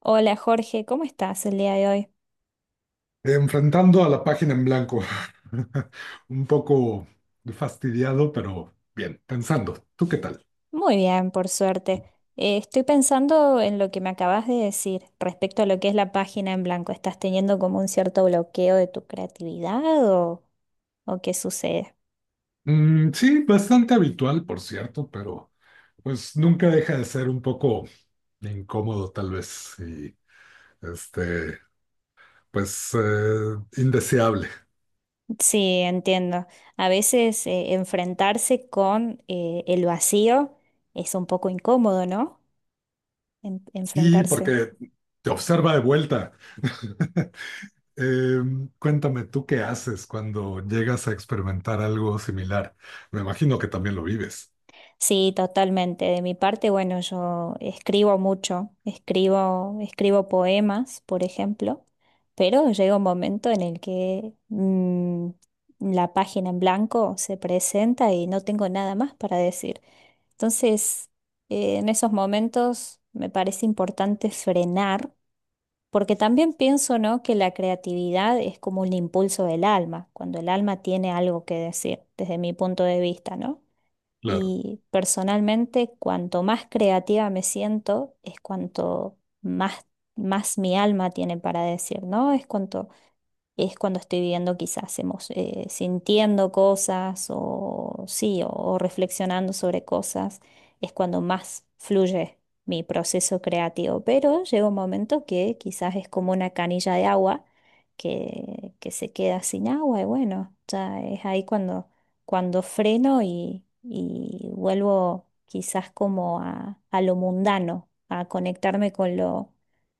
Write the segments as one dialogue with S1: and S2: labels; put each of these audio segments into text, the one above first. S1: Hola Jorge, ¿cómo estás el día de hoy?
S2: Enfrentando a la página en blanco. Un poco fastidiado, pero bien, pensando. ¿Tú qué tal?
S1: Muy bien, por suerte. Estoy pensando en lo que me acabas de decir respecto a lo que es la página en blanco. ¿Estás teniendo como un cierto bloqueo de tu creatividad o, o qué sucede?
S2: Sí, bastante habitual, por cierto, pero pues nunca deja de ser un poco incómodo, tal vez, y este, pues indeseable.
S1: Sí, entiendo. A veces enfrentarse con el vacío es un poco incómodo, ¿no?
S2: Sí,
S1: Enfrentarse.
S2: porque te observa de vuelta. Eh, cuéntame, ¿tú qué haces cuando llegas a experimentar algo similar? Me imagino que también lo vives.
S1: Sí, totalmente. De mi parte, bueno, yo escribo mucho, escribo poemas, por ejemplo, pero llega un momento en el que la página en blanco se presenta y no tengo nada más para decir. Entonces, en esos momentos me parece importante frenar, porque también pienso, ¿no?, que la creatividad es como un impulso del alma, cuando el alma tiene algo que decir, desde mi punto de vista, ¿no?
S2: Claro.
S1: Y personalmente, cuanto más creativa me siento, es más mi alma tiene para decir, ¿no? Es cuanto es cuando estoy viviendo quizás sintiendo cosas o sí, o reflexionando sobre cosas, es cuando más fluye mi proceso creativo. Pero llega un momento que quizás es como una canilla de agua que se queda sin agua y bueno, ya es ahí cuando freno y vuelvo quizás como a lo mundano, a conectarme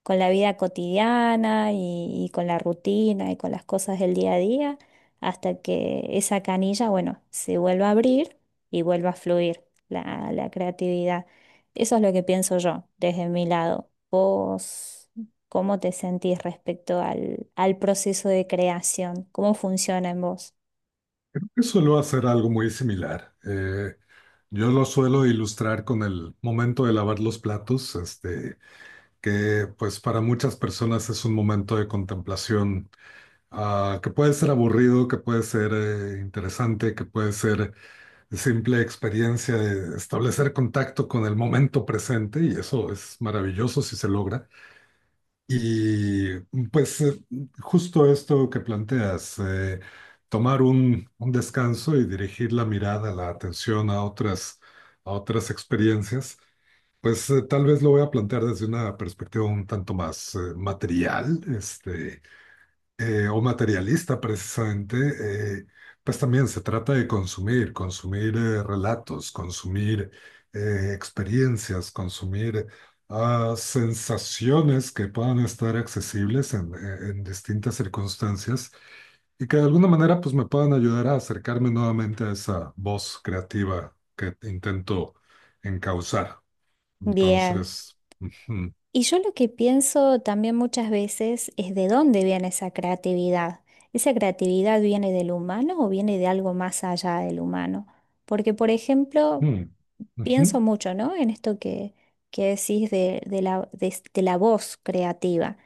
S1: con la vida cotidiana y con la rutina y con las cosas del día a día, hasta que esa canilla, bueno, se vuelva a abrir y vuelva a fluir la creatividad. Eso es lo que pienso yo desde mi lado. ¿Vos cómo te sentís respecto al proceso de creación? ¿Cómo funciona en vos?
S2: Suelo hacer algo muy similar. Yo lo suelo ilustrar con el momento de lavar los platos, que pues para muchas personas es un momento de contemplación, que puede ser aburrido, que puede ser interesante, que puede ser simple experiencia de establecer contacto con el momento presente, y eso es maravilloso si se logra. Y pues justo esto que planteas, tomar un descanso y dirigir la mirada, la atención a a otras experiencias, pues tal vez lo voy a plantear desde una perspectiva un tanto más material, o materialista precisamente, eh, pues también se trata de consumir, consumir relatos, consumir experiencias, consumir sensaciones que puedan estar accesibles en distintas circunstancias, y que de alguna manera pues me puedan ayudar a acercarme nuevamente a esa voz creativa que intento encauzar.
S1: Bien.
S2: Entonces, ujú,
S1: Y yo lo que pienso también muchas veces es de dónde viene esa creatividad. ¿Esa creatividad viene del humano o viene de algo más allá del humano? Porque, por ejemplo,
S2: ujú, ujú,
S1: pienso mucho, ¿no? En esto que decís de la voz creativa.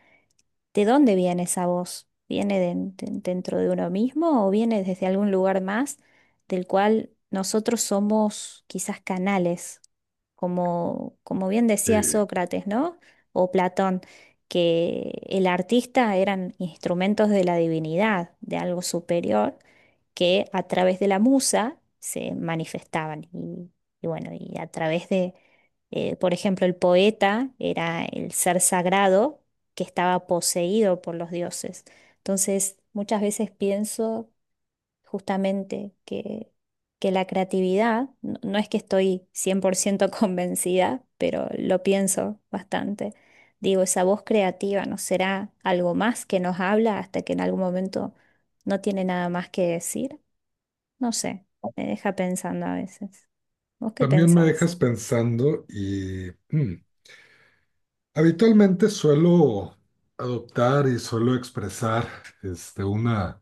S1: ¿De dónde viene esa voz? ¿Viene dentro de uno mismo o viene desde algún lugar más del cual nosotros somos quizás canales? Como bien decía
S2: sí.
S1: Sócrates, ¿no? O Platón, que el artista eran instrumentos de la divinidad, de algo superior, que a través de la musa se manifestaban. Y bueno, y a través de, por ejemplo, el poeta era el ser sagrado que estaba poseído por los dioses. Entonces, muchas veces pienso justamente que la creatividad, no, no es que estoy 100% convencida, pero lo pienso bastante. Digo, ¿esa voz creativa nos será algo más que nos habla hasta que en algún momento no tiene nada más que decir? No sé, me deja pensando a veces. ¿Vos qué
S2: También me
S1: pensás?
S2: dejas pensando y habitualmente suelo adoptar y suelo expresar una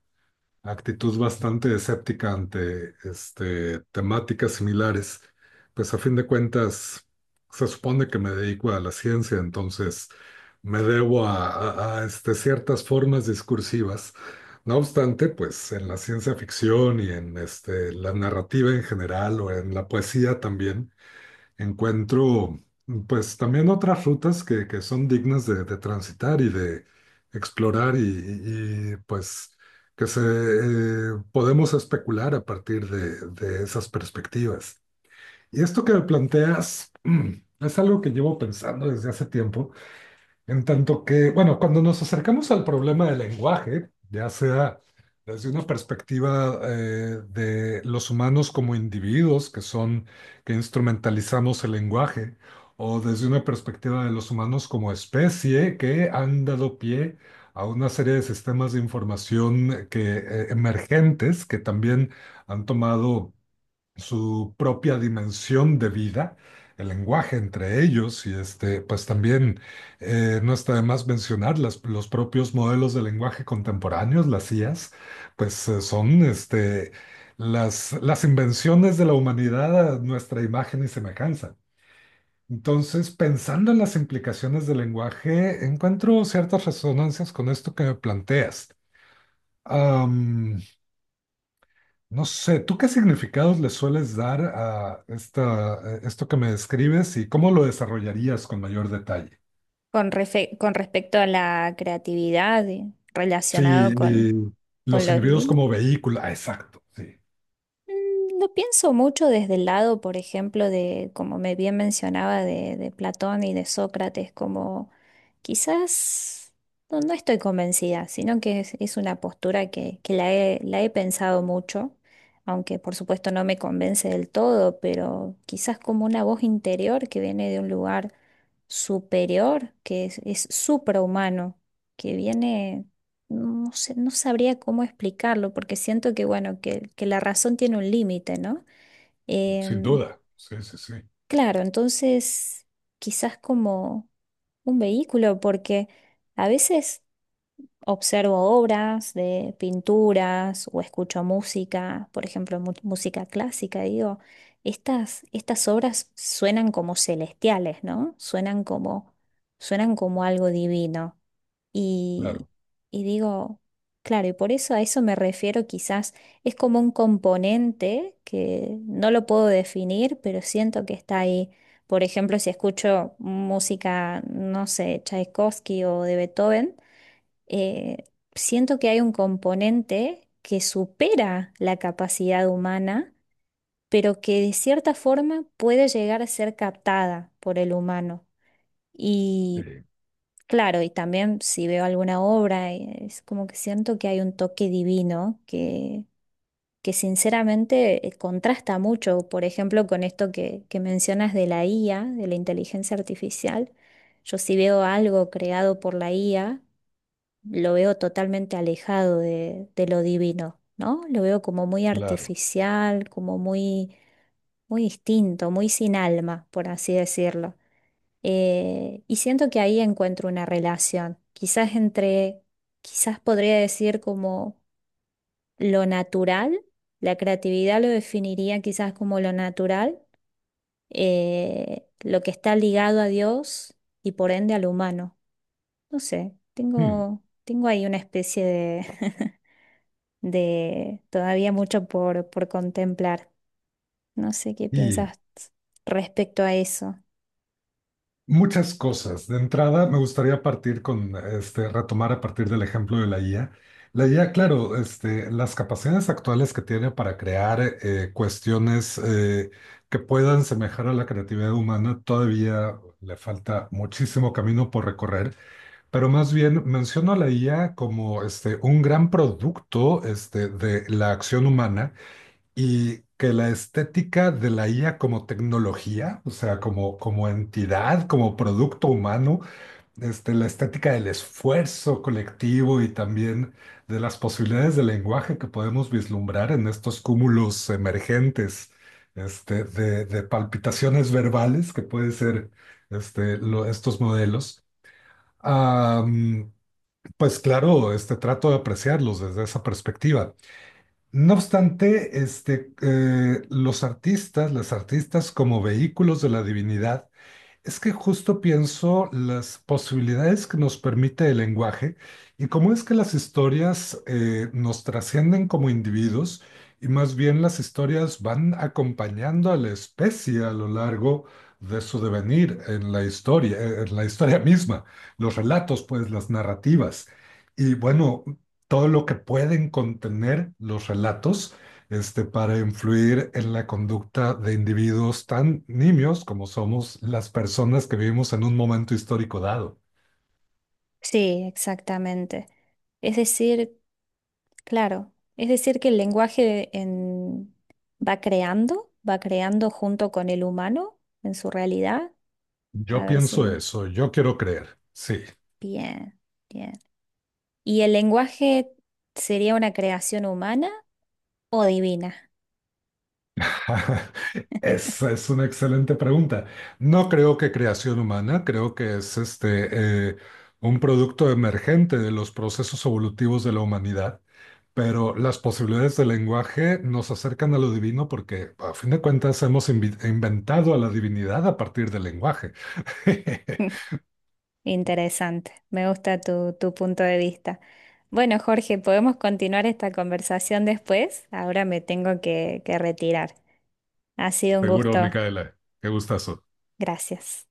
S2: actitud bastante escéptica ante temáticas similares. Pues a fin de cuentas se supone que me dedico a la ciencia, entonces me debo a ciertas formas discursivas. No obstante, pues en la ciencia ficción y en la narrativa en general o en la poesía también encuentro pues también otras rutas que son dignas de transitar y de explorar y pues que se podemos especular a partir de esas perspectivas. Y esto que planteas es algo que llevo pensando desde hace tiempo. En tanto que, bueno, cuando nos acercamos al problema del lenguaje, ya sea desde una perspectiva de los humanos como individuos que son, que instrumentalizamos el lenguaje, o desde una perspectiva de los humanos como especie que han dado pie a una serie de sistemas de información emergentes que también han tomado su propia dimensión de vida, el lenguaje entre ellos, y pues también no está de más mencionar los propios modelos de lenguaje contemporáneos, las IAs, pues son las invenciones de la humanidad a nuestra imagen y semejanza. Entonces, pensando en las implicaciones del lenguaje, encuentro ciertas resonancias con esto que me planteas. Am, no sé, ¿tú qué significados le sueles dar a esta, a esto que me describes y cómo lo desarrollarías con mayor detalle?
S1: Con respecto a la creatividad y relacionado
S2: Sí, y
S1: con
S2: los
S1: lo
S2: individuos
S1: divino.
S2: como vehículo, ah, exacto, sí,
S1: Mm, lo pienso mucho desde el lado, por ejemplo, de, como me bien mencionaba, de Platón y de Sócrates, como quizás no, no estoy convencida, sino que es una postura la he pensado mucho, aunque por supuesto no me convence del todo, pero quizás como una voz interior que viene de un lugar superior, es suprahumano, que viene no sé, no sabría cómo explicarlo, porque siento que, bueno, que la razón tiene un límite, ¿no?
S2: sin
S1: Em,
S2: duda, sí, sí, sí,
S1: claro, entonces quizás como un vehículo, porque a veces observo obras de pinturas o escucho música, por ejemplo, música clásica, y digo, estas obras suenan como celestiales, ¿no? Suenan como algo divino. Y,
S2: claro,
S1: y digo, claro, y por eso a eso me refiero quizás, es como un componente que no lo puedo definir, pero siento que está ahí. Por ejemplo, si escucho música, no sé, Tchaikovsky o de Beethoven, eh, siento que hay un componente que supera la capacidad humana, pero que de cierta forma puede llegar a ser captada por el humano.
S2: sí,
S1: Claro, y también si veo alguna obra, es como que siento que hay un toque divino que sinceramente contrasta mucho, por ejemplo, con esto que mencionas de la IA, de la inteligencia artificial. Yo si veo algo creado por la IA, lo veo totalmente alejado de lo divino, ¿no? Lo veo como muy
S2: claro.
S1: artificial, muy distinto, muy sin alma, por así decirlo. Y siento que ahí encuentro una relación, quizás entre, quizás podría decir como lo natural, la creatividad lo definiría quizás como lo natural, lo que está ligado a Dios y por ende al humano. No sé,
S2: Hmm.
S1: tengo ahí una especie de, de todavía mucho por contemplar. No sé qué
S2: Y
S1: piensas respecto a eso.
S2: muchas cosas. De entrada, me gustaría partir con, retomar a partir del ejemplo de la IA. La IA, claro, las capacidades actuales que tiene para crear cuestiones que puedan semejar a la creatividad humana, todavía le falta muchísimo camino por recorrer, pero más bien menciono a la IA como un gran producto de la acción humana, y que la estética de la IA como tecnología, o sea, como, como entidad, como producto humano, la estética del esfuerzo colectivo, y también de las posibilidades de lenguaje que podemos vislumbrar en estos cúmulos emergentes, de palpitaciones verbales que pueden ser estos modelos. Ah, pues claro, trato de apreciarlos desde esa perspectiva. No obstante, los artistas, las artistas como vehículos de la divinidad, es que justo pienso las posibilidades que nos permite el lenguaje y cómo es que las historias nos trascienden como individuos, y más bien las historias van acompañando a la especie a lo largo de su devenir en la historia misma, los relatos, pues las narrativas, y bueno, todo lo que pueden contener los relatos para influir en la conducta de individuos tan nimios como somos las personas que vivimos en un momento histórico dado.
S1: Sí, exactamente. Es decir, claro, es decir, que el lenguaje va creando junto con el humano en su realidad. A
S2: Yo
S1: ver
S2: pienso
S1: si...
S2: eso, yo quiero creer. Sí.
S1: Bien, bien. ¿Y el lenguaje sería una creación humana o divina?
S2: Esa es una excelente pregunta. No creo que creación humana, creo que es un producto emergente de los procesos evolutivos de la humanidad. Pero las posibilidades del lenguaje nos acercan a lo divino porque, a fin de cuentas, hemos inventado a la divinidad a partir del lenguaje.
S1: Interesante, me gusta tu punto de vista. Bueno, Jorge, podemos continuar esta conversación después. Ahora me tengo que retirar. Ha sido un
S2: Seguro,
S1: gusto.
S2: Micaela. Qué gustazo.
S1: Gracias.